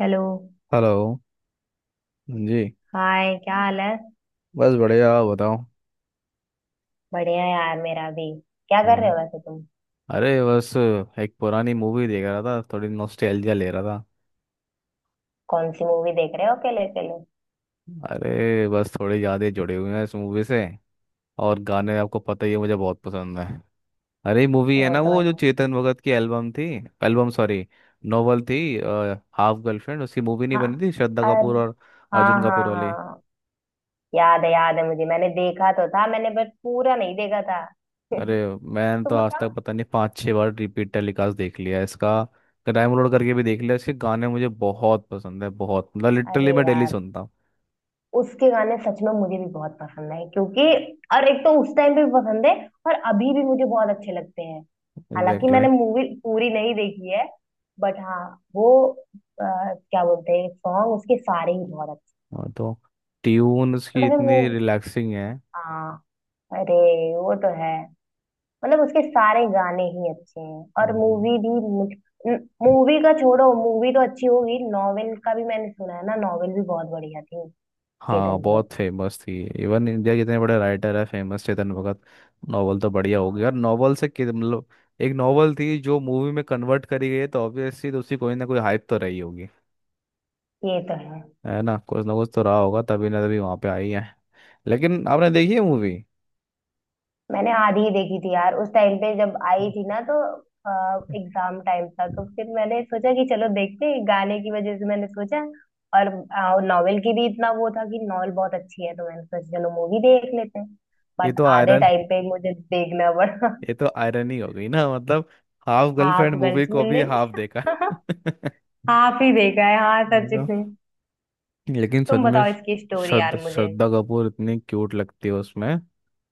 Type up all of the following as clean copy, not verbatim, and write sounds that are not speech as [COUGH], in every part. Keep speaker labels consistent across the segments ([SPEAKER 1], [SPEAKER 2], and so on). [SPEAKER 1] Hello.
[SPEAKER 2] Hello जी।
[SPEAKER 1] Hi, क्या हाल है?
[SPEAKER 2] बस बढ़िया, आप बताओ।
[SPEAKER 1] बढ़िया यार, मेरा भी। क्या कर रहे
[SPEAKER 2] हाँ।
[SPEAKER 1] हो वैसे तुम?
[SPEAKER 2] अरे बस, एक पुरानी मूवी देख रहा था, थोड़ी नॉस्टैल्जिया ले रहा था।
[SPEAKER 1] कौन सी मूवी देख रहे हो अकेले अकेले?
[SPEAKER 2] अरे बस थोड़ी यादें जुड़ी हुई हैं इस मूवी से। और गाने आपको पता ही है, मुझे बहुत पसंद है। अरे मूवी है
[SPEAKER 1] वो
[SPEAKER 2] ना
[SPEAKER 1] तो भाई
[SPEAKER 2] वो जो
[SPEAKER 1] मुझे...
[SPEAKER 2] चेतन भगत की एल्बम थी। एल्बम सॉरी, नोवेल थी। हाफ गर्लफ्रेंड, उसकी मूवी नहीं
[SPEAKER 1] हाँ।
[SPEAKER 2] बनी थी श्रद्धा
[SPEAKER 1] अरे,
[SPEAKER 2] कपूर और
[SPEAKER 1] हाँ
[SPEAKER 2] अर्जुन
[SPEAKER 1] हाँ
[SPEAKER 2] कपूर वाली।
[SPEAKER 1] हाँ, याद है मुझे। मैंने देखा तो था, मैंने बस पूरा नहीं देखा था। [LAUGHS]
[SPEAKER 2] अरे
[SPEAKER 1] तुम
[SPEAKER 2] मैंने तो आज
[SPEAKER 1] बताओ।
[SPEAKER 2] तक पता नहीं 5-6 बार रिपीट टेलीकास्ट देख लिया है इसका। डाउनलोड करके भी देख लिया, इसके गाने मुझे बहुत पसंद है, बहुत, मतलब
[SPEAKER 1] अरे
[SPEAKER 2] लिटरली मैं डेली
[SPEAKER 1] यार,
[SPEAKER 2] सुनता हूँ।
[SPEAKER 1] उसके गाने सच में मुझे भी बहुत पसंद है क्योंकि और एक तो उस टाइम पे भी पसंद है, और अभी भी मुझे बहुत अच्छे लगते हैं। हालांकि
[SPEAKER 2] एग्जैक्टली।
[SPEAKER 1] मैंने मूवी पूरी नहीं देखी है, बट हाँ वो क्या बोलते हैं, सॉन्ग उसके सारे ही बहुत अच्छे।
[SPEAKER 2] और तो ट्यून उसकी
[SPEAKER 1] मतलब
[SPEAKER 2] इतनी
[SPEAKER 1] मूव
[SPEAKER 2] रिलैक्सिंग है।
[SPEAKER 1] हाँ। अरे, वो तो है। मतलब उसके सारे गाने ही अच्छे हैं, और
[SPEAKER 2] हम्म।
[SPEAKER 1] मूवी भी। मुझ मूवी का छोड़ो, मूवी तो अच्छी होगी, नॉवेल का भी मैंने सुना है ना, नॉवेल भी बहुत बढ़िया थी
[SPEAKER 2] हाँ,
[SPEAKER 1] चेतन भगत
[SPEAKER 2] बहुत
[SPEAKER 1] की।
[SPEAKER 2] फेमस थी। इवन इंडिया के इतने बड़े राइटर है फेमस, चेतन भगत। नॉवल तो बढ़िया हो गया,
[SPEAKER 1] हाँ
[SPEAKER 2] और नॉवल से मतलब एक नॉवल थी जो मूवी में कन्वर्ट करी गई है, तो ऑब्वियसली तो उसकी कोई ना कोई हाइप तो रही होगी।
[SPEAKER 1] ये तो है।
[SPEAKER 2] है ना, कुछ ना कुछ तो रहा होगा तभी ना, तभी वहाँ पे आई है। लेकिन आपने देखी है मूवी?
[SPEAKER 1] मैंने आधी ही देखी थी यार, उस टाइम पे जब आई थी ना, तो
[SPEAKER 2] [LAUGHS]
[SPEAKER 1] एग्जाम टाइम था, तो फिर मैंने सोचा कि चलो देखते हैं, गाने की वजह से मैंने सोचा। और नॉवेल की भी इतना वो था कि नॉवेल बहुत अच्छी है, तो मैंने सोचा चलो मूवी देख लेते हैं।
[SPEAKER 2] ये
[SPEAKER 1] बट
[SPEAKER 2] तो
[SPEAKER 1] आधे
[SPEAKER 2] आयरन
[SPEAKER 1] टाइम पे मुझे देखना पड़ा।
[SPEAKER 2] ये तो आयरन ही हो गई ना मतलब, half girlfriend
[SPEAKER 1] half
[SPEAKER 2] movie
[SPEAKER 1] girls
[SPEAKER 2] को भी
[SPEAKER 1] मिलने में
[SPEAKER 2] हाफ देखा [LAUGHS]
[SPEAKER 1] [LAUGHS] हाफ ही देखा है, हाँ
[SPEAKER 2] मैं
[SPEAKER 1] सच
[SPEAKER 2] तो,
[SPEAKER 1] में।
[SPEAKER 2] लेकिन सच
[SPEAKER 1] तुम
[SPEAKER 2] में
[SPEAKER 1] बताओ इसकी स्टोरी
[SPEAKER 2] श्रद्धा
[SPEAKER 1] यार मुझे।
[SPEAKER 2] श्रद्धा कपूर इतनी क्यूट लगती है उसमें,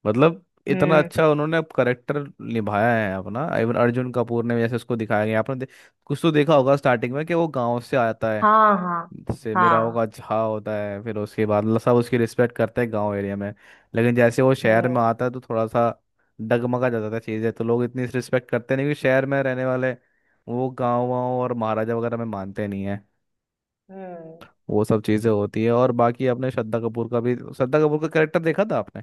[SPEAKER 2] मतलब। इतना
[SPEAKER 1] हम्म।
[SPEAKER 2] अच्छा उन्होंने करेक्टर निभाया है अपना, इवन अर्जुन कपूर ने भी, जैसे उसको दिखाया गया, आपने कुछ तो देखा होगा स्टार्टिंग में कि वो गांव से आता,
[SPEAKER 1] हाँ हाँ
[SPEAKER 2] जैसे मेरा
[SPEAKER 1] हाँ।
[SPEAKER 2] होगा झा होता है, फिर उसके बाद सब उसकी रिस्पेक्ट करते हैं गांव एरिया में। लेकिन जैसे वो शहर
[SPEAKER 1] हम्म।
[SPEAKER 2] में आता है तो थोड़ा सा डगमगा जाता है चीज़ें, तो लोग इतनी रिस्पेक्ट करते नहीं क्योंकि शहर में रहने वाले वो गाँव वाँव और महाराजा वगैरह में मानते नहीं है।
[SPEAKER 1] हम्म।
[SPEAKER 2] वो सब चीज़ें होती है, और बाकी आपने श्रद्धा कपूर का भी श्रद्धा कपूर का कैरेक्टर देखा था आपने?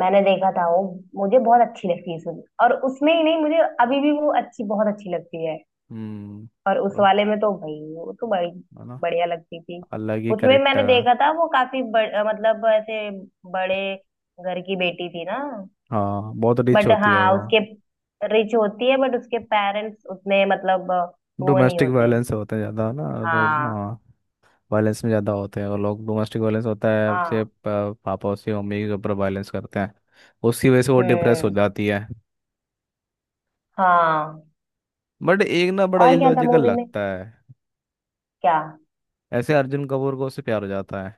[SPEAKER 1] मैंने देखा था वो। मुझे बहुत अच्छी लगती है सुन, और उसमें ही नहीं, मुझे अभी भी वो अच्छी, बहुत अच्छी लगती है।
[SPEAKER 2] हम्म।
[SPEAKER 1] और उस
[SPEAKER 2] वो-
[SPEAKER 1] वाले में तो भाई, वो तो बड़ी
[SPEAKER 2] है ना,
[SPEAKER 1] बढ़िया लगती थी।
[SPEAKER 2] अलग ही
[SPEAKER 1] उसमें मैंने
[SPEAKER 2] करेक्टर है।
[SPEAKER 1] देखा था, वो काफी मतलब ऐसे बड़े घर की बेटी थी ना।
[SPEAKER 2] हाँ, बहुत रिच
[SPEAKER 1] बट
[SPEAKER 2] होती है
[SPEAKER 1] हाँ
[SPEAKER 2] वो।
[SPEAKER 1] उसके... रिच होती है बट उसके पेरेंट्स उतने मतलब वो नहीं
[SPEAKER 2] डोमेस्टिक
[SPEAKER 1] होते।
[SPEAKER 2] वायलेंस होते हैं ज़्यादा ना। तो
[SPEAKER 1] हाँ।
[SPEAKER 2] हाँ, वायलेंस में ज़्यादा होते हैं, और लोग डोमेस्टिक वायलेंस होता है उसे
[SPEAKER 1] हाँ।
[SPEAKER 2] पापा उसके मम्मी के ऊपर वायलेंस करते हैं। उसकी वजह से वो डिप्रेस हो
[SPEAKER 1] हम्म।
[SPEAKER 2] जाती है।
[SPEAKER 1] हाँ।
[SPEAKER 2] बट एक ना बड़ा
[SPEAKER 1] और क्या था
[SPEAKER 2] इलॉजिकल
[SPEAKER 1] मूवी में?
[SPEAKER 2] लगता है,
[SPEAKER 1] क्या?
[SPEAKER 2] ऐसे अर्जुन कपूर को उससे प्यार हो जाता है।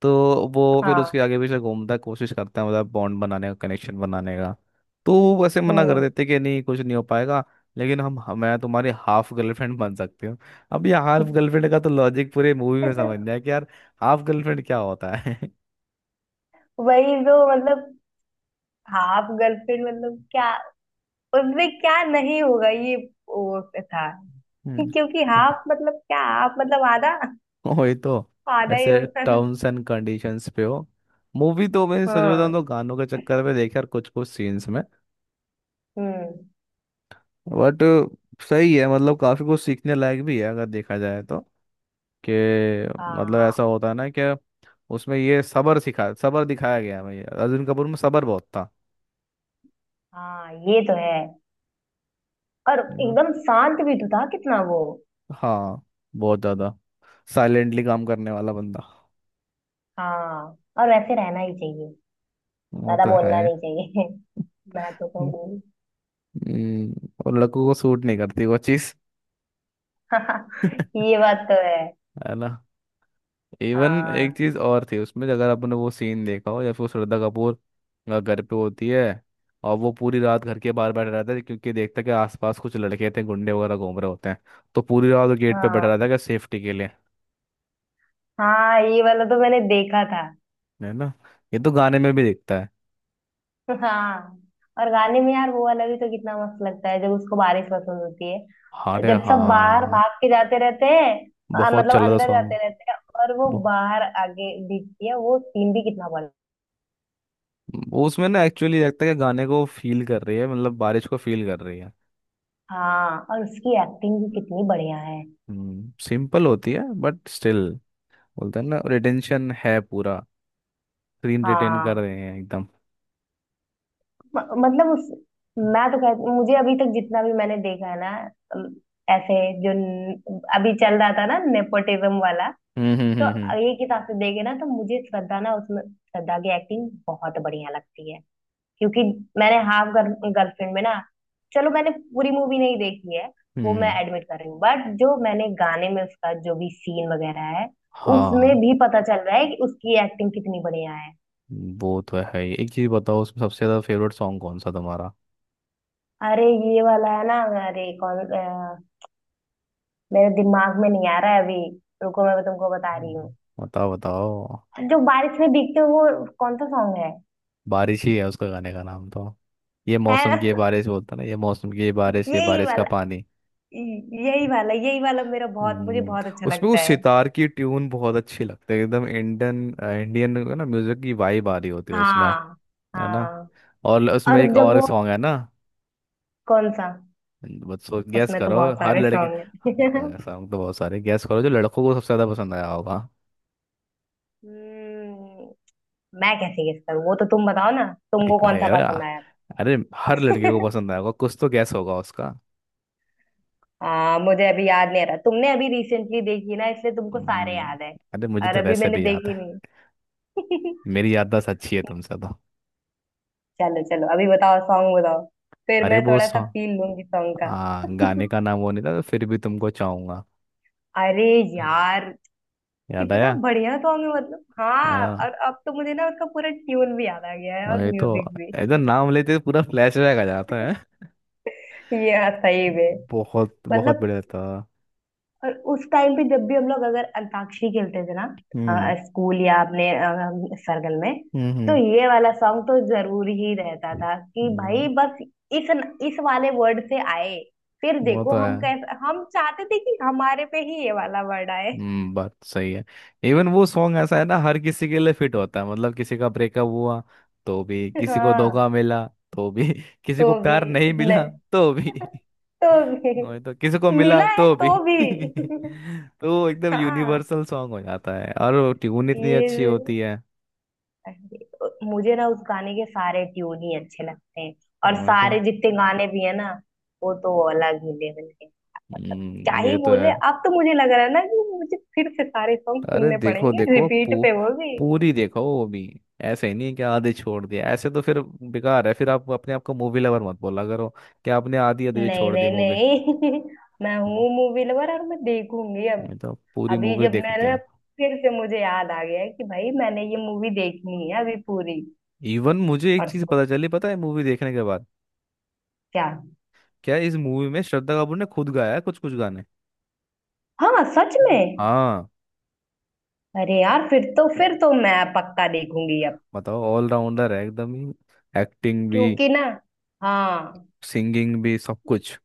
[SPEAKER 2] तो वो फिर उसके
[SPEAKER 1] हाँ।
[SPEAKER 2] आगे पीछे घूमता है, कोशिश करता है, मतलब बॉन्ड बनाने का, कनेक्शन बनाने का। तो वो वैसे मना कर
[SPEAKER 1] हम्म।
[SPEAKER 2] देते कि नहीं, कुछ नहीं हो पाएगा। लेकिन मैं तुम्हारी हाफ गर्लफ्रेंड बन सकती हूँ। अब ये हाफ
[SPEAKER 1] [LAUGHS]
[SPEAKER 2] गर्लफ्रेंड का तो लॉजिक पूरे मूवी में समझना है कि यार हाफ गर्लफ्रेंड क्या होता है। [LAUGHS]
[SPEAKER 1] वही तो मतलब... हाँ, आप गर्लफ्रेंड मतलब क्या? उसमें क्या नहीं होगा ये? वो था
[SPEAKER 2] हम्म।
[SPEAKER 1] कि क्योंकि हाफ मतलब क्या? हाफ मतलब आधा,
[SPEAKER 2] [LAUGHS] वही तो,
[SPEAKER 1] आधा ही
[SPEAKER 2] ऐसे
[SPEAKER 1] होता है ना?
[SPEAKER 2] टर्म्स एंड कंडीशंस पे हो। मूवी तो मैं सच बताऊं
[SPEAKER 1] हाँ।
[SPEAKER 2] तो गानों के चक्कर में देखा यार, कुछ कुछ सीन्स में,
[SPEAKER 1] हम्म।
[SPEAKER 2] बट सही है, मतलब काफी कुछ सीखने लायक भी है अगर देखा जाए तो, कि मतलब
[SPEAKER 1] हाँ।
[SPEAKER 2] ऐसा होता है ना कि उसमें ये सबर सिखा, सबर दिखाया गया है भाई, अर्जुन कपूर में सबर बहुत था।
[SPEAKER 1] हाँ ये तो है, और
[SPEAKER 2] You know?
[SPEAKER 1] एकदम शांत भी तो था कितना वो।
[SPEAKER 2] हाँ, बहुत ज्यादा, साइलेंटली काम करने वाला बंदा।
[SPEAKER 1] हाँ। और वैसे रहना ही चाहिए,
[SPEAKER 2] वो
[SPEAKER 1] ज्यादा
[SPEAKER 2] तो है।
[SPEAKER 1] बोलना नहीं चाहिए। [LAUGHS] मैं तो कहूंगी।
[SPEAKER 2] और लड़कों को सूट नहीं करती वो चीज।
[SPEAKER 1] [LAUGHS] ये बात तो है।
[SPEAKER 2] [LAUGHS] है ना। इवन एक
[SPEAKER 1] हाँ।
[SPEAKER 2] चीज और थी उसमें, अगर आपने वो सीन देखा हो, या फिर वो श्रद्धा कपूर घर पे होती है, और वो पूरी रात घर के बाहर बैठा रहता है, क्योंकि देखता है कि आसपास कुछ लड़के थे, गुंडे वगैरह घूम रहे होते हैं। तो पूरी रात वो गेट पे बैठा
[SPEAKER 1] हाँ।
[SPEAKER 2] रहता है, क्या सेफ्टी के लिए।
[SPEAKER 1] हाँ ये वाला तो मैंने देखा था।
[SPEAKER 2] है ना। ये तो गाने में भी दिखता है।
[SPEAKER 1] हाँ। और गाने में यार, वो वाला भी तो कितना मस्त लगता है, जब उसको बारिश पसंद होती है,
[SPEAKER 2] अरे
[SPEAKER 1] जब सब बाहर
[SPEAKER 2] हाँ,
[SPEAKER 1] भाग के जाते रहते हैं।
[SPEAKER 2] बहुत
[SPEAKER 1] मतलब
[SPEAKER 2] चल रहा था
[SPEAKER 1] अंदर
[SPEAKER 2] सॉन्ग।
[SPEAKER 1] जाते रहते हैं, और वो बाहर आगे दिखती है, वो सीन भी कितना बढ़िया।
[SPEAKER 2] वो उसमें ना एक्चुअली लगता है कि गाने को फील कर रही है, मतलब बारिश को फील कर रही है।
[SPEAKER 1] हाँ, और उसकी एक्टिंग भी कितनी बढ़िया है।
[SPEAKER 2] सिंपल होती है बट स्टिल, बोलते हैं ना रिटेंशन है पूरा, स्क्रीन रिटेन कर
[SPEAKER 1] हाँ।
[SPEAKER 2] रहे हैं एकदम।
[SPEAKER 1] म, मतलब उस... मैं तो कहती, मुझे अभी तक जितना भी मैंने देखा है ना, अम, ऐसे, जो अभी चल रहा था ना, नेपोटिज्म वाला,
[SPEAKER 2] हम्म। हम्म।
[SPEAKER 1] तो
[SPEAKER 2] हम्म।
[SPEAKER 1] एक हिसाब से देखे ना, तो मुझे श्रद्धा ना, उसमें श्रद्धा की एक्टिंग बहुत बढ़िया लगती है। क्योंकि मैंने हाफ गर्लफ्रेंड में ना... चलो मैंने पूरी मूवी नहीं देखी है,
[SPEAKER 2] हम्म।
[SPEAKER 1] वो मैं एडमिट कर रही हूँ, बट जो मैंने गाने में उसका जो भी सीन वगैरह है, उसमें
[SPEAKER 2] हाँ
[SPEAKER 1] भी पता चल रहा है कि उसकी एक्टिंग कितनी बढ़िया है।
[SPEAKER 2] वो तो है ही, एक चीज बताओ उसमें सबसे ज्यादा फेवरेट सॉन्ग कौन सा तुम्हारा?
[SPEAKER 1] अरे, ये वाला है ना? अरे, कौन मेरे दिमाग में नहीं आ रहा है अभी। रुको मैं तुमको बता रही हूँ।
[SPEAKER 2] हम्म, बताओ बताओ।
[SPEAKER 1] जो बारिश में भीगते हुए, वो कौन सा सॉन्ग है?
[SPEAKER 2] बारिश ही है उसका गाने का नाम तो। ये
[SPEAKER 1] है
[SPEAKER 2] मौसम की ये
[SPEAKER 1] ना?
[SPEAKER 2] बारिश बोलता ना, ये मौसम की ये
[SPEAKER 1] [LAUGHS]
[SPEAKER 2] बारिश, ये
[SPEAKER 1] यही
[SPEAKER 2] बारिश का
[SPEAKER 1] वाला,
[SPEAKER 2] पानी।
[SPEAKER 1] यही वाला यही वाला मेरा बहुत, मुझे
[SPEAKER 2] हम्म,
[SPEAKER 1] बहुत अच्छा
[SPEAKER 2] उसमें
[SPEAKER 1] लगता
[SPEAKER 2] उस
[SPEAKER 1] है।
[SPEAKER 2] सितार की ट्यून बहुत अच्छी लगती है एकदम इंडियन, इंडियन ना म्यूजिक की वाइब आ रही होती है उसमें।
[SPEAKER 1] हाँ।
[SPEAKER 2] है ना।
[SPEAKER 1] हाँ।
[SPEAKER 2] और उसमें
[SPEAKER 1] और
[SPEAKER 2] एक
[SPEAKER 1] जब
[SPEAKER 2] और
[SPEAKER 1] वो...
[SPEAKER 2] सॉन्ग है ना।
[SPEAKER 1] कौन सा?
[SPEAKER 2] बच्चों गैस
[SPEAKER 1] उसमें तो
[SPEAKER 2] करो
[SPEAKER 1] बहुत
[SPEAKER 2] हर
[SPEAKER 1] सारे
[SPEAKER 2] लड़के,
[SPEAKER 1] सॉन्ग हैं।
[SPEAKER 2] हाँ,
[SPEAKER 1] [LAUGHS]
[SPEAKER 2] सॉन्ग तो बहुत सारे, गैस करो जो लड़कों को सबसे ज्यादा पसंद आया होगा।
[SPEAKER 1] हम्म, मैं कैसे गेस करूँ? वो तो तुम बताओ ना, तुमको
[SPEAKER 2] एक
[SPEAKER 1] कौन
[SPEAKER 2] है
[SPEAKER 1] सा पसंद
[SPEAKER 2] यार,
[SPEAKER 1] आया
[SPEAKER 2] अरे हर लड़के को
[SPEAKER 1] था? [LAUGHS]
[SPEAKER 2] पसंद आएगा, कुछ तो गैस होगा उसका।
[SPEAKER 1] हाँ मुझे अभी याद नहीं आ रहा। तुमने अभी रिसेंटली देखी ना, इसलिए तुमको सारे
[SPEAKER 2] हम्म,
[SPEAKER 1] याद है,
[SPEAKER 2] अरे मुझे
[SPEAKER 1] और
[SPEAKER 2] तो
[SPEAKER 1] अभी
[SPEAKER 2] वैसे
[SPEAKER 1] मैंने
[SPEAKER 2] भी याद
[SPEAKER 1] देखी
[SPEAKER 2] है,
[SPEAKER 1] नहीं। [LAUGHS]
[SPEAKER 2] मेरी याददाश्त अच्छी है तुमसे तो।
[SPEAKER 1] चलो चलो, अभी बताओ, सॉन्ग बताओ, फिर
[SPEAKER 2] अरे
[SPEAKER 1] मैं
[SPEAKER 2] वो
[SPEAKER 1] थोड़ा सा
[SPEAKER 2] सॉन्ग,
[SPEAKER 1] फील लूंगी सॉन्ग का।
[SPEAKER 2] गाने का नाम वो नहीं था, तो फिर भी तुमको चाहूंगा।
[SPEAKER 1] अरे यार,
[SPEAKER 2] याद
[SPEAKER 1] कितना
[SPEAKER 2] आया।
[SPEAKER 1] बढ़िया सॉन्ग है, मतलब हाँ।
[SPEAKER 2] आ,
[SPEAKER 1] और अब तो मुझे ना, उसका पूरा ट्यून भी याद आ गया है, और
[SPEAKER 2] ये तो
[SPEAKER 1] म्यूजिक भी।
[SPEAKER 2] ऐसा नाम लेते ही पूरा फ्लैशबैक आ जाता है।
[SPEAKER 1] ये हाँ, सही में।
[SPEAKER 2] बहुत बहुत
[SPEAKER 1] मतलब
[SPEAKER 2] बढ़िया था।
[SPEAKER 1] और उस टाइम पे जब भी हम लोग अगर अंताक्षरी खेलते थे ना,
[SPEAKER 2] हम्म।
[SPEAKER 1] स्कूल या अपने सर्कल में,
[SPEAKER 2] हम्म।
[SPEAKER 1] तो
[SPEAKER 2] हम्म।
[SPEAKER 1] ये वाला सॉन्ग तो जरूर ही रहता था कि भाई
[SPEAKER 2] हम्म,
[SPEAKER 1] बस इस इस वाले वर्ड से आए, फिर
[SPEAKER 2] वो
[SPEAKER 1] देखो
[SPEAKER 2] तो है।
[SPEAKER 1] हम कैसे, हम चाहते थे कि हमारे पे ही ये वाला वर्ड आए।
[SPEAKER 2] बात सही है। इवन वो सॉन्ग ऐसा है ना, हर किसी के लिए फिट होता है, मतलब किसी का ब्रेकअप हुआ तो भी,
[SPEAKER 1] [LAUGHS]
[SPEAKER 2] किसी को
[SPEAKER 1] हाँ
[SPEAKER 2] धोखा मिला तो भी [LAUGHS] किसी को
[SPEAKER 1] तो भी,
[SPEAKER 2] प्यार नहीं मिला
[SPEAKER 1] नहीं।
[SPEAKER 2] तो भी
[SPEAKER 1] [LAUGHS]
[SPEAKER 2] [LAUGHS]
[SPEAKER 1] तो भी
[SPEAKER 2] वही तो, किसी को मिला
[SPEAKER 1] मिला है,
[SPEAKER 2] तो भी
[SPEAKER 1] तो भी।
[SPEAKER 2] [LAUGHS] तो वो एकदम
[SPEAKER 1] [LAUGHS] हाँ
[SPEAKER 2] यूनिवर्सल सॉन्ग हो जाता है, और ट्यून इतनी अच्छी
[SPEAKER 1] ये...
[SPEAKER 2] होती है।
[SPEAKER 1] मुझे ना उस गाने के सारे ट्यून ही अच्छे लगते हैं, और
[SPEAKER 2] वही तो।
[SPEAKER 1] सारे जितने गाने भी है ना, वो तो अलग, मिले मिलके मतलब क्या ही
[SPEAKER 2] ये तो
[SPEAKER 1] बोले।
[SPEAKER 2] है।
[SPEAKER 1] अब तो मुझे लग रहा है ना कि मुझे फिर से सारे सॉन्ग
[SPEAKER 2] अरे
[SPEAKER 1] सुनने
[SPEAKER 2] देखो
[SPEAKER 1] पड़ेंगे
[SPEAKER 2] देखो
[SPEAKER 1] रिपीट पे, वो भी।
[SPEAKER 2] पूरी देखो वो भी। ऐसे ही नहीं कि आधी छोड़ दिया, ऐसे तो फिर बेकार है, फिर आप अपने आप को मूवी लवर मत बोला करो कि आपने आधी आधी तो
[SPEAKER 1] नहीं
[SPEAKER 2] छोड़ दी
[SPEAKER 1] नहीं
[SPEAKER 2] मूवी।
[SPEAKER 1] नहीं, [LAUGHS] मैं
[SPEAKER 2] मैं
[SPEAKER 1] हूँ मूवी लवर, और मैं देखूंगी अब।
[SPEAKER 2] तो, पूरी
[SPEAKER 1] अभी
[SPEAKER 2] मूवी
[SPEAKER 1] जब
[SPEAKER 2] देखते
[SPEAKER 1] मैंने...
[SPEAKER 2] हैं।
[SPEAKER 1] फिर से मुझे याद आ गया है कि भाई मैंने ये मूवी देखनी है अभी पूरी।
[SPEAKER 2] इवन मुझे एक चीज
[SPEAKER 1] परसों।
[SPEAKER 2] पता चली, पता है मूवी देखने के बाद,
[SPEAKER 1] क्या?
[SPEAKER 2] क्या इस मूवी में श्रद्धा कपूर ने खुद गाया है कुछ कुछ गाने।
[SPEAKER 1] हाँ सच में।
[SPEAKER 2] हाँ।
[SPEAKER 1] अरे यार, फिर तो, फिर तो मैं पक्का देखूंगी अब,
[SPEAKER 2] बताओ, ऑलराउंडर है एकदम ही, एक्टिंग भी,
[SPEAKER 1] क्योंकि ना... हाँ,
[SPEAKER 2] सिंगिंग भी, सब कुछ।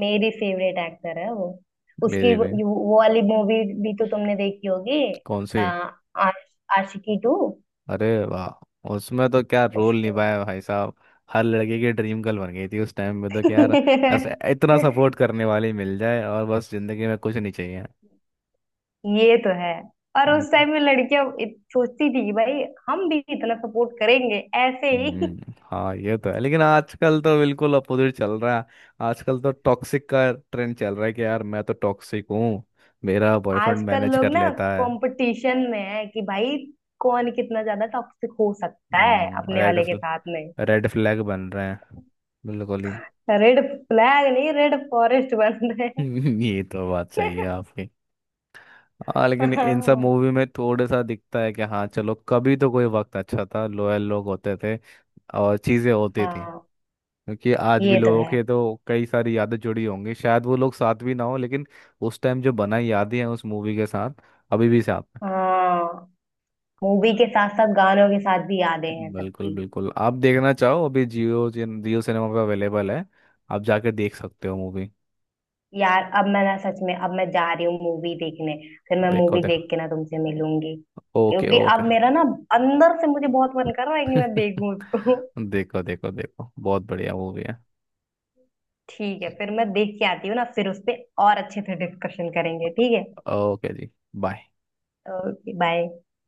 [SPEAKER 1] मेरी फेवरेट एक्टर है वो। उसकी
[SPEAKER 2] मेरे
[SPEAKER 1] वो,
[SPEAKER 2] भी।
[SPEAKER 1] वो वाली मूवी भी तो तुमने देखी होगी।
[SPEAKER 2] कौन
[SPEAKER 1] आ,
[SPEAKER 2] से?
[SPEAKER 1] आश, आशिकी टू।
[SPEAKER 2] अरे वाह उसमें तो क्या रोल
[SPEAKER 1] उसकी।
[SPEAKER 2] निभाया भाई साहब, हर लड़के की ड्रीम गर्ल बन गई थी उस टाइम में तो, क्या यार।
[SPEAKER 1] [LAUGHS]
[SPEAKER 2] ऐसे इतना सपोर्ट करने वाली मिल जाए और बस जिंदगी में कुछ नहीं चाहिए।
[SPEAKER 1] ये तो है। और
[SPEAKER 2] हम्म।
[SPEAKER 1] उस टाइम में लड़कियां सोचती थी कि भाई हम भी इतना सपोर्ट करेंगे, ऐसे ही।
[SPEAKER 2] हाँ ये तो है, लेकिन आजकल तो बिल्कुल अपोजिट चल रहा है। आजकल तो टॉक्सिक का ट्रेंड चल रहा है कि यार मैं तो टॉक्सिक हूँ, मेरा बॉयफ्रेंड
[SPEAKER 1] आजकल
[SPEAKER 2] मैनेज कर
[SPEAKER 1] लोग ना,
[SPEAKER 2] लेता है।
[SPEAKER 1] कंपटीशन में है कि भाई कौन कितना ज्यादा टॉक्सिक हो सकता है अपने
[SPEAKER 2] रेड
[SPEAKER 1] वाले के
[SPEAKER 2] फ्लैग।
[SPEAKER 1] साथ में।
[SPEAKER 2] रेड फ्लैग बन रहे हैं बिल्कुल ही।
[SPEAKER 1] रेड फ्लैग नहीं, रेड फॉरेस्ट बन रहे
[SPEAKER 2] [LAUGHS] ये तो बात सही है आपकी। हाँ,
[SPEAKER 1] हैं।
[SPEAKER 2] लेकिन इन सब
[SPEAKER 1] [LAUGHS]
[SPEAKER 2] मूवी में थोड़ा सा दिखता है कि हाँ चलो, कभी तो कोई वक्त अच्छा था, लोयल लोग होते थे और चीज़ें होती थी,
[SPEAKER 1] हाँ
[SPEAKER 2] क्योंकि आज भी
[SPEAKER 1] ये तो
[SPEAKER 2] लोगों
[SPEAKER 1] है।
[SPEAKER 2] के तो कई सारी यादें जुड़ी होंगी, शायद वो लोग साथ भी ना हो, लेकिन उस टाइम जो बनाई यादें हैं उस मूवी के साथ अभी भी साथ हैं।
[SPEAKER 1] हाँ, मूवी के साथ साथ गानों के साथ भी यादें हैं
[SPEAKER 2] बिल्कुल
[SPEAKER 1] सबकी।
[SPEAKER 2] बिल्कुल, आप देखना चाहो अभी जियो जियो सिनेमा पे अवेलेबल है, आप जाके देख सकते हो मूवी।
[SPEAKER 1] यार अब मैं ना, सच में अब मैं जा रही हूँ मूवी देखने, फिर मैं
[SPEAKER 2] देखो
[SPEAKER 1] मूवी
[SPEAKER 2] देखो।
[SPEAKER 1] देख के ना तुमसे मिलूंगी।
[SPEAKER 2] ओके
[SPEAKER 1] क्योंकि
[SPEAKER 2] ओके।
[SPEAKER 1] अब मेरा ना, अंदर से मुझे बहुत मन कर रहा है कि मैं देखूं
[SPEAKER 2] [LAUGHS]
[SPEAKER 1] उसको।
[SPEAKER 2] देखो देखो देखो, बहुत बढ़िया मूवी है।
[SPEAKER 1] ठीक है, फिर मैं देख के आती हूँ ना, फिर उस पे और अच्छे से डिस्कशन करेंगे, ठीक है?
[SPEAKER 2] ओके जी। बाय।
[SPEAKER 1] Okay bye.